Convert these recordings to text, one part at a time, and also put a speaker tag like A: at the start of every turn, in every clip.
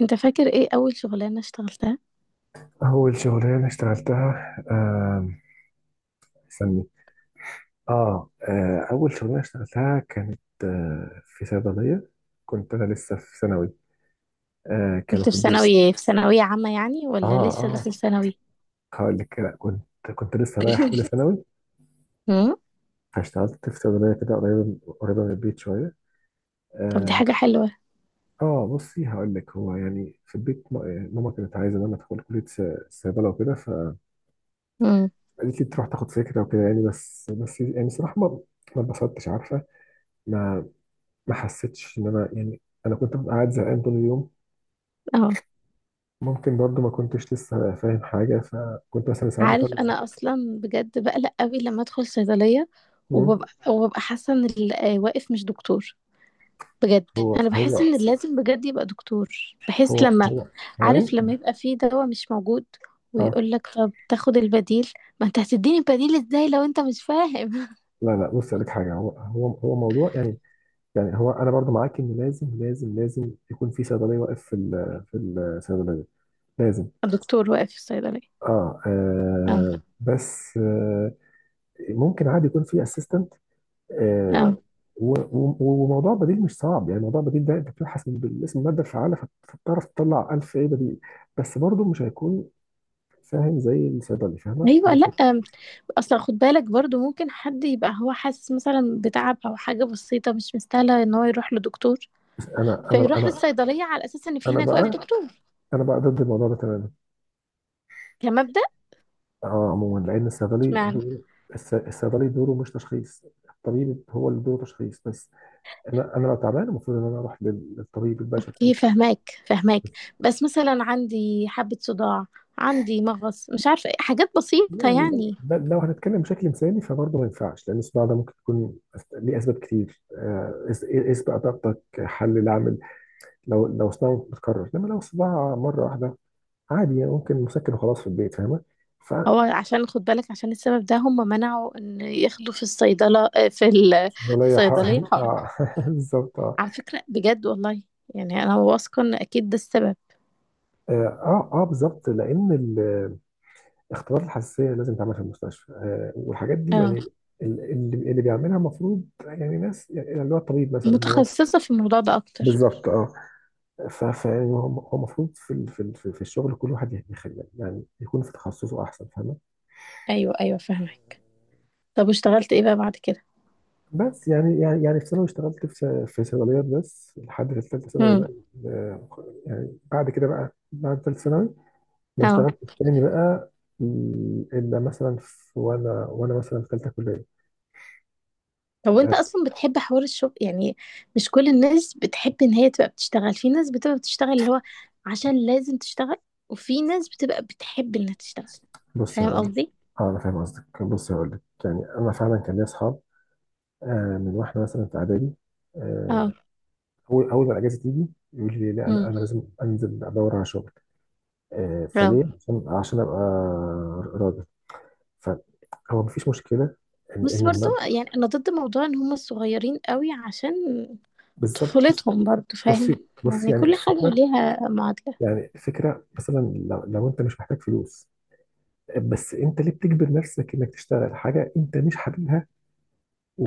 A: انت فاكر ايه اول شغلانة اشتغلتها؟
B: أول شغلانة اشتغلتها استني. أول شغلانة اشتغلتها كانت في صيدلية. كنت أنا لسه في ثانوي.
A: كنت
B: كانوا
A: في
B: في البيت.
A: ثانوي، في ثانوية عامة يعني،
B: آه
A: ولا لسه
B: آه،
A: داخل ثانوي؟
B: هقول لك لا. كنت لسه رايح أولى ثانوي.
A: امم.
B: فاشتغلت في صيدلية كده قريبة قريبة من البيت شوية.
A: طب دي
B: آه,
A: حاجة حلوة.
B: بصي، هقول لك. هو يعني في البيت ماما كانت عايزة إن أنا أدخل كلية صيدلة وكده، فقالت
A: امم.
B: لي تروح تاخد فكرة وكده. يعني بس بس، يعني صراحة ما اتبسطتش، عارفة. ما ما حسيتش ان انا يعني، انا كنت ببقى قاعد زهقان طول اليوم.
A: اه،
B: ممكن برضو ما كنتش لسه فاهم حاجه، فكنت مثلا ساعات
A: عارف
B: بفرق.
A: انا اصلا بجد بقلق قوي لما ادخل صيدلية،
B: مم.
A: وببقى حاسة ان اللي واقف مش دكتور. بجد
B: هو
A: انا
B: هو
A: بحس ان لازم بجد يبقى دكتور. بحس
B: هو
A: لما،
B: هو هو ايه؟
A: عارف، لما يبقى في دواء مش موجود
B: اه
A: ويقول لك طب تاخد البديل، ما انت هتديني البديل ازاي لو انت مش فاهم؟
B: لا لا، بص لك حاجه. هو موضوع يعني. يعني هو انا برضو معاك ان لازم يكون في صيدليه واقف في الصيدليه، لازم.
A: دكتور واقف في الصيدلية. اه.
B: بس ممكن عادي يكون في اسيستنت.
A: اه،
B: و- و- وموضوع بديل مش صعب، يعني موضوع بديل ده انت بتبحث من بالاسم الماده الفعاله، فبتعرف تطلع 1000 ايه بديل. بس برضو مش هيكون فاهم زي الصيدلي فاهمه، دي
A: ايوه. لا،
B: الفكرة.
A: اصلا خد بالك برضو ممكن حد يبقى هو حاسس مثلا بتعب او حاجه بسيطه مش مستاهله ان هو يروح لدكتور،
B: انا انا
A: فيروح
B: انا
A: للصيدليه على اساس ان في
B: انا
A: هناك واقف
B: بقى
A: دكتور.
B: انا بقى ضد الموضوع ده تماما.
A: كمبدأ.
B: اه عموما، لان الصيدلي
A: اشمعنى؟
B: دوره، الصيدلي دوره مش تشخيص. الطبيب هو اللي دوره تشخيص بس. انا انا لو تعبان المفروض ان انا اروح للطبيب البشري
A: اوكي،
B: الدكتور.
A: فهماك فهماك. بس مثلا عندي حبه صداع، عندي مغص، مش عارفه إيه، حاجات بسيطه
B: يعني
A: يعني.
B: لو هنتكلم بشكل مثالي فبرضه ما ينفعش، لان الصداع ده ممكن يكون ليه اسباب كتير. إيه اسبق ضغطك حل العمل. لو صداع متكرر، انما لو صداع مره واحده عادي يعني، ممكن مسكن وخلاص في البيت، فاهمه. ف
A: هو عشان خد بالك عشان السبب ده هم منعوا ان ياخدوا في الصيدله في
B: ولا يح...
A: الصيدليه حقن.
B: اه بالظبط. اه
A: على فكره بجد والله، يعني انا واثقه ان اكيد ده السبب.
B: اه بالظبط لان اختبارات الحساسيه لازم تعمل في المستشفى، والحاجات دي يعني.
A: اه.
B: اللي بيعملها المفروض يعني ناس، يعني اللي هو الطبيب مثلا، اللي هو
A: متخصصه في الموضوع ده اكتر.
B: بالظبط اه. فهو المفروض في ال- في ال- في في الشغل كل واحد يخلي يعني يكون في تخصصه احسن، فاهمه.
A: ايوه ايوه فاهمك. طب واشتغلت ايه بقى بعد كده؟
B: بس يعني في ثانوي اشتغلت في صيدليات بس لحد ثالثه ثانوي
A: امم.
B: بقى. آه، يعني بعد كده بقى، بعد ثالثه ثانوي ما
A: اه.
B: اشتغلتش تاني بقى. الا مثلا في، وانا مثلا في ثالثه كليه.
A: طب وانت
B: آه،
A: اصلا بتحب حوار الشغل؟ يعني مش كل الناس بتحب ان هي تبقى بتشتغل، في ناس بتبقى بتشتغل اللي هو عشان لازم تشتغل، وفي ناس بتبقى بتحب انها تشتغل.
B: بص
A: فاهم
B: هقول لك.
A: قصدي؟
B: اه انا فاهم قصدك، بص هقول لك. يعني انا فعلا كان لي اصحاب من واحنا مثلا في اعدادي.
A: اه.
B: آه، اول ما الاجازه تيجي يقول لي لا، انا
A: امم.
B: انا لازم انزل ادور على شغل.
A: اه.
B: فليه؟ عشان ابقى راجل. فهو مفيش مشكله ان
A: بس برضو
B: المبدأ.
A: يعني انا ضد موضوع ان هم الصغيرين قوي، عشان
B: بالظبط. بص
A: طفولتهم برضو،
B: بصي
A: فاهم؟
B: بصي
A: يعني
B: يعني
A: كل حاجة
B: الفكره.
A: ليها معادلة.
B: يعني الفكره مثلا لو انت مش محتاج فلوس، بس انت ليه بتجبر نفسك انك تشتغل حاجه انت مش حاببها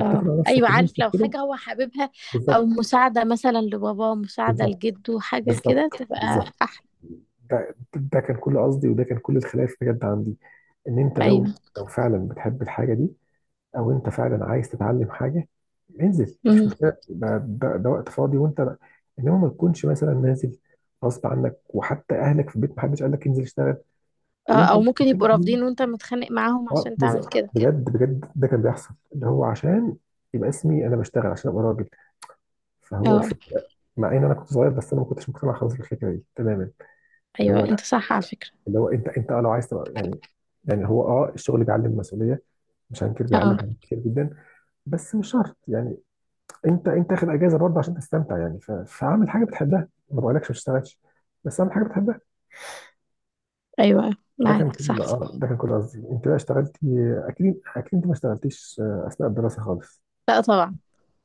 A: اه ايوه
B: نفسك ان انت
A: عارف، لو
B: كده؟
A: حاجه هو حاببها، او
B: بالظبط
A: مساعده مثلا لبابا، مساعده
B: بالظبط
A: لجده، حاجه كده
B: بالظبط
A: تبقى
B: بالظبط.
A: احلى.
B: ده كان كل قصدي، وده كان كل الخلاف بجد عندي. ان انت لو
A: ايوه.
B: فعلا بتحب الحاجه دي، او انت فعلا عايز تتعلم حاجه، انزل مفيش
A: مم.
B: مشكله، ده وقت فاضي وانت. انما ما تكونش مثلا نازل غصب عنك، وحتى اهلك في البيت محدش قال لك انزل اشتغل
A: اه،
B: وانت
A: او
B: مش
A: ممكن
B: محتاج
A: يبقوا
B: دي.
A: رافضين وانت متخانق معاهم
B: اه
A: عشان
B: بز-
A: تعمل كده.
B: بجد ده كان بيحصل، اللي هو عشان يبقى اسمي انا بشتغل عشان ابقى راجل. فهو
A: اه
B: الفكره، مع ان انا كنت صغير بس انا ما كنتش مقتنع خالص بالفكره دي تماما، اللي هو
A: ايوه انت
B: لا،
A: صح على فكره.
B: اللي هو انت انت لو عايز تبقى يعني. يعني هو اه الشغل بيعلم مسؤوليه، مش هنكر، بيعلم
A: اه
B: حاجات كتير جدا. بس مش شرط يعني، انت انت اخد اجازه برضه عشان تستمتع. يعني فاعمل حاجه بتحبها، ما بقولكش ما تشتغلش، بس اعمل حاجه بتحبها.
A: ايوه
B: ده كان
A: معاك
B: كل
A: صح.
B: قصدي. انت بقى اشتغلتي؟ اكيد اكيد انت ما اشتغلتيش اثناء الدراسه خالص،
A: لا طبعا.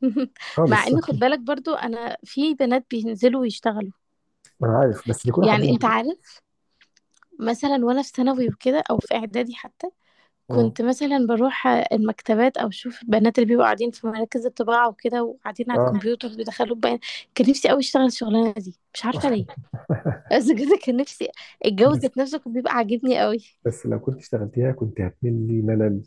A: مع
B: خالص
A: ان خد بالك برضو انا في بنات بينزلوا ويشتغلوا.
B: ما انا عارف، بس بيكونوا
A: يعني
B: حابين
A: انت
B: كده.
A: عارف، مثلا وانا في ثانوي وكده او في اعدادي حتى،
B: مم.
A: كنت مثلا بروح المكتبات او اشوف البنات اللي بيبقوا قاعدين في مراكز الطباعه وكده، وقاعدين على
B: اه
A: الكمبيوتر بيدخلوا بيان. كان نفسي قوي اشتغل الشغلانه دي، مش عارفه ليه. بس بجد كان نفسي. الجو
B: بس،
A: ذات نفسه كان بيبقى عاجبني قوي.
B: لو كنت اشتغلتيها كنت هتملي ملل.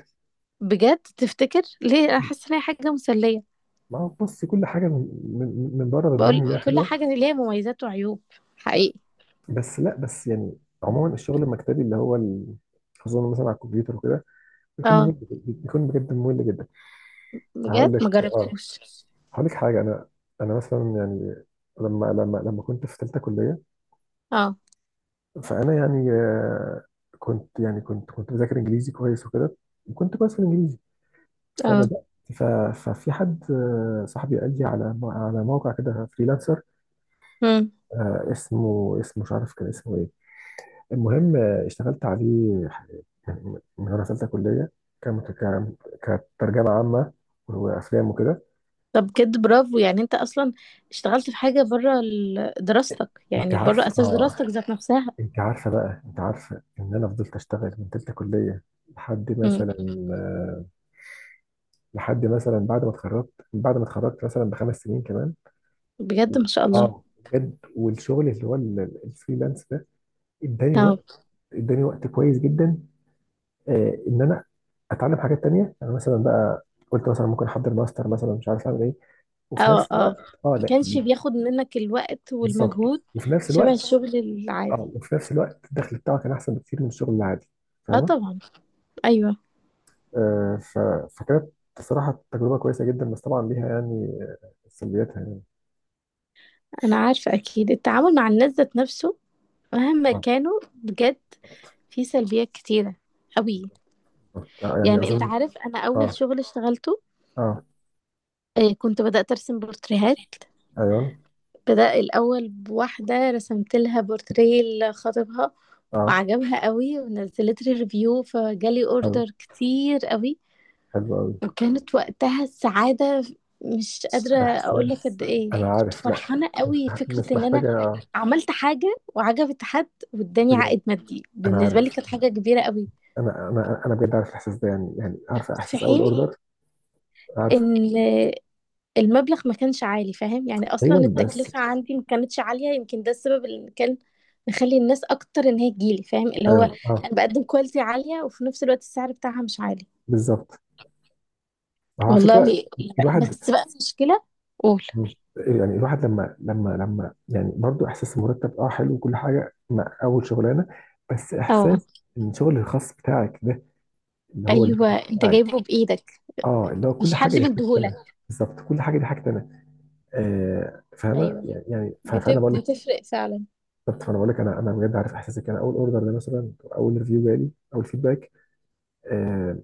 A: بجد تفتكر ليه انا حاسه ان هي حاجه مسليه؟
B: ما هو بص، كل حاجه من بره بتبان
A: بقول
B: ان هي
A: كل
B: حلوه.
A: حاجه ليها مميزات وعيوب، حقيقي.
B: بس لا، بس يعني عموما الشغل المكتبي، اللي هو خصوصا مثلا على الكمبيوتر وكده بيكون
A: اه
B: ممل، بيكون بجد ممل جدا. هقول
A: بجد،
B: لك
A: ما
B: اه،
A: جربتوش.
B: هقول لك حاجه. انا مثلا يعني، لما كنت في ثالثه كليه،
A: اه.
B: فانا يعني كنت يعني كنت بذاكر انجليزي كويس وكده، وكنت كويس في الانجليزي
A: اه.
B: فبدات. ف- ففي حد صاحبي قال لي على على موقع كده فريلانسر.
A: امم.
B: اسمه اسمه مش عارف كان اسمه ايه. المهم اشتغلت عليه يعني من وانا في ثالثه كليه. كان كان- كترجمه عامه وافلام وكده.
A: طب بجد برافو، يعني انت اصلا اشتغلت في حاجه بره ال- دراستك،
B: انت
A: يعني بره
B: عارف
A: اساس
B: اه.
A: دراستك ذات نفسها.
B: انت عارفه بقى، انت عارفه ان انا فضلت اشتغل من تالتة كليه لحد مثلا آه، بعد ما اتخرجت، بعد ما اتخرجت مثلا ب5 سنين كمان.
A: بجد ما شاء الله.
B: اه بجد. والشغل اللي هو الفريلانس ده اداني
A: اه.
B: وقت، اداني وقت كويس جدا ان انا اتعلم حاجات تانية. يعني مثلا بقى قلت مثلا ممكن احضر ماستر مثلا، مش عارف اعمل ايه، وفي
A: اه.
B: نفس الوقت.
A: اه.
B: اه
A: ما كانش
B: لا،
A: بياخد منك الوقت
B: بالظبط،
A: والمجهود.
B: وفي نفس
A: شبه
B: الوقت
A: الشغل العادي.
B: اه، وفي نفس الوقت الدخل بتاعه كان احسن بكتير من الشغل العادي،
A: اه
B: فاهمه.
A: طبعا. ايوه.
B: آه، ف- فكانت بصراحة تجربة كويسة جدا، بس طبعا ليها يعني سلبياتها يعني.
A: انا عارفه اكيد التعامل مع الناس ذات نفسه مهما
B: اه
A: كانوا بجد في سلبيات كتيره قوي.
B: يعني
A: يعني انت
B: أظن.
A: عارف، انا اول
B: اه
A: شغل اشتغلته
B: اه
A: كنت بدأت أرسم بورتريهات.
B: أيوه
A: بدأ الأول بواحدة رسمت لها بورتريه لخطيبها،
B: اه.
A: وعجبها قوي ونزلت لي ريفيو، فجالي
B: حلو،
A: اوردر كتير قوي.
B: حلو أوي.
A: وكانت وقتها السعادة، مش قادرة أقول لك
B: إحساس.
A: قد إيه
B: أنا
A: كنت
B: عارف لا،
A: فرحانة قوي. فكرة
B: مش
A: إن أنا
B: محتاجة.
A: عملت حاجة وعجبت حد واداني
B: بجد
A: عائد مادي،
B: أنا
A: بالنسبة لي
B: عارف.
A: كانت حاجة كبيرة قوي.
B: أنا أنا أنا بجد عارف الإحساس ده، يعني يعني عارف
A: في
B: إحساس أول
A: حين
B: أوردر. عارفه.
A: إن المبلغ ما كانش عالي، فاهم يعني، أصلا
B: أيوه بس،
A: التكلفة عندي ما كانتش عالية، يمكن ده السبب اللي كان مخلي الناس أكتر إن هي تجيلي، فاهم؟ اللي هو
B: أيوه اه
A: أنا بقدم كواليتي عالية وفي نفس الوقت السعر بتاعها مش عالي.
B: بالظبط. على فكرة
A: والله.
B: الواحد،
A: بس بقى المشكلة، قول.
B: مش إيه، يعني الواحد لما يعني برضو، احساس المرتب اه حلو وكل حاجه مع اول شغلانه. بس
A: اه
B: احساس ان الشغل الخاص بتاعك ده، اللي هو
A: ايوه،
B: البيزنس
A: انت
B: بتاعك.
A: جايبه بايدك،
B: اه اللي هو
A: مش
B: كل حاجه
A: حد
B: دي حاجتي
A: مديهولك.
B: انا، بالظبط كل حاجه دي حاجتي انا. فاهمه
A: ايوه،
B: يعني. يعني فانا
A: بت-
B: بقول لك.
A: بتفرق فعلا.
B: بالظبط، فانا بقول لك، انا انا بجد عارف احساسك. انا اول اوردر ده مثلا، اول ريفيو جالي، اول فيدباك آه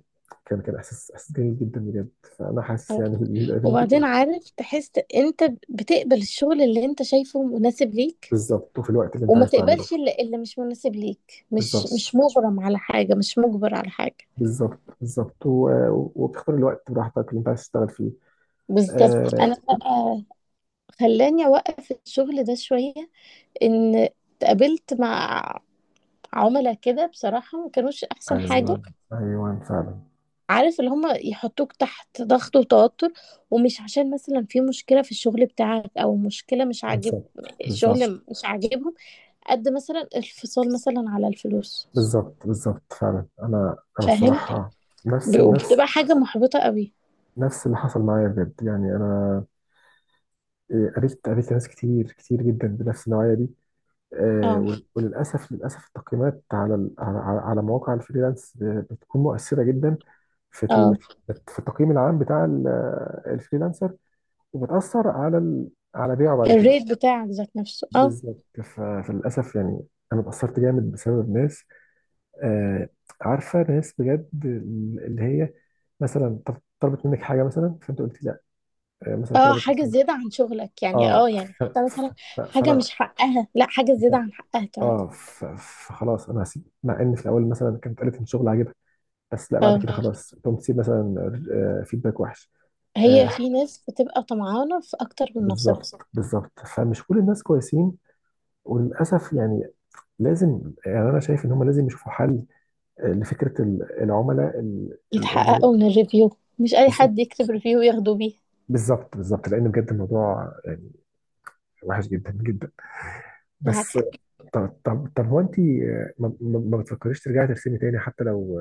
B: كان احساس، احساس جميل جدا بجد. فانا حاسس
A: اه،
B: يعني باللي أنت
A: وبعدين
B: بتقوليه.
A: عارف، تحس انت بتقبل الشغل اللي انت شايفه مناسب ليك،
B: بالظبط، وفي الوقت اللي انت
A: وما
B: عايز تعمله.
A: تقبلش اللي, اللي مش مناسب ليك، مش
B: بالظبط
A: مغرم على حاجة، مش مجبر على حاجة.
B: بالظبط بالظبط وبتختار الوقت براحتك اللي انت عايز تشتغل فيه.
A: بالظبط. انا
B: بالظبط.
A: بقى خلاني اوقف الشغل ده شوية، ان اتقابلت مع عملاء كده، بصراحة ما كانوش احسن حاجة.
B: ايوه ايوه فعلا.
A: عارف، اللي هم يحطوك تحت ضغط وتوتر، ومش عشان مثلا في مشكلة في الشغل بتاعك او مشكلة مش عاجب،
B: بالظبط بالظبط
A: الشغل مش عاجبهم، قد مثلا الفصال مثلا على الفلوس،
B: بالظبط فعلا. انا انا
A: فاهم؟
B: الصراحه، نفس نفس
A: وبتبقى حاجة محبطة قوي.
B: نفس اللي حصل معايا بجد. يعني انا قابلت ناس كتير كتير جدا بنفس النوعيه دي.
A: اه.
B: وللاسف التقييمات على على مواقع الفريلانس بتكون مؤثره جدا في
A: اه.
B: في التقييم العام بتاع الفريلانسر، وبتأثر على على بيعه بعد كده.
A: الريت بتاعك ذات نفسه، اه.
B: بالظبط. فللأسف يعني، أنا اتأثرت جامد بسبب ناس آه عارفة، ناس بجد اللي هي مثلا طلبت منك حاجة مثلا، فأنت قلت لا. آه مثلا
A: اه،
B: طلبت
A: حاجة
B: منك
A: زيادة عن شغلك، يعني
B: اه
A: اه، يعني
B: ف...
A: حتى مثلا حاجة
B: فأنا
A: مش حقها، لا حاجة زيادة عن حقها كمان.
B: اه فخلاص أنا هسيب، مع إن في الأول مثلا كانت قالت إن شغل عاجبها، بس لا بعد
A: اه.
B: كده خلاص تقوم تسيب مثلا فيدباك وحش.
A: هي
B: آه
A: في ناس بتبقى طمعانة في اكتر من نصيبها.
B: بالظبط فمش كل الناس كويسين، وللأسف يعني. لازم، يعني انا شايف ان هم لازم يشوفوا حل لفكره العملاء
A: يتحققوا من الريفيو، مش اي
B: بالظبط.
A: حد يكتب ريفيو ياخدوا بيه.
B: بالظبط بالظبط بالظبط لان بجد الموضوع يعني وحش جدا جدا،
A: معاك
B: بس.
A: حق.
B: طب هو انت ما بتفكريش ترجعي ترسمي تاني حتى لو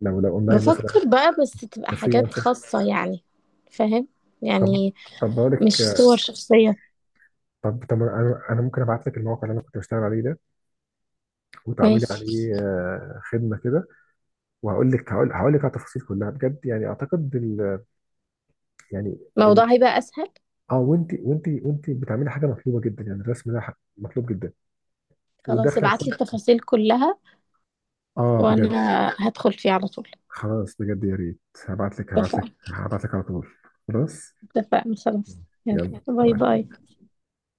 B: لو اونلاين مثلا
A: بفكر بقى، بس تبقى حاجات
B: كفريلانسر؟
A: خاصة يعني، فاهم
B: طب
A: يعني،
B: طب بقول لك
A: مش
B: آه،
A: صور شخصية.
B: طب طب انا ممكن ابعت لك الموقع اللي انا كنت بشتغل عليه ده، وتعملي
A: ماشي.
B: عليه خدمه كده. وهقول لك، هقول هقول لك على التفاصيل كلها بجد، يعني اعتقد يعني
A: الموضوع هيبقى أسهل.
B: اه. وانت بتعملي حاجه مطلوبه جدا، يعني الرسم ده مطلوب جدا،
A: خلاص
B: والدخل هيكون
A: ابعتلي التفاصيل كلها
B: اه بجد.
A: وأنا هدخل فيه على طول.
B: خلاص بجد، يا ريت.
A: اتفقنا.
B: هبعت لك على طول. خلاص.
A: اتفقنا خلاص. يلا باي
B: يلا.
A: باي.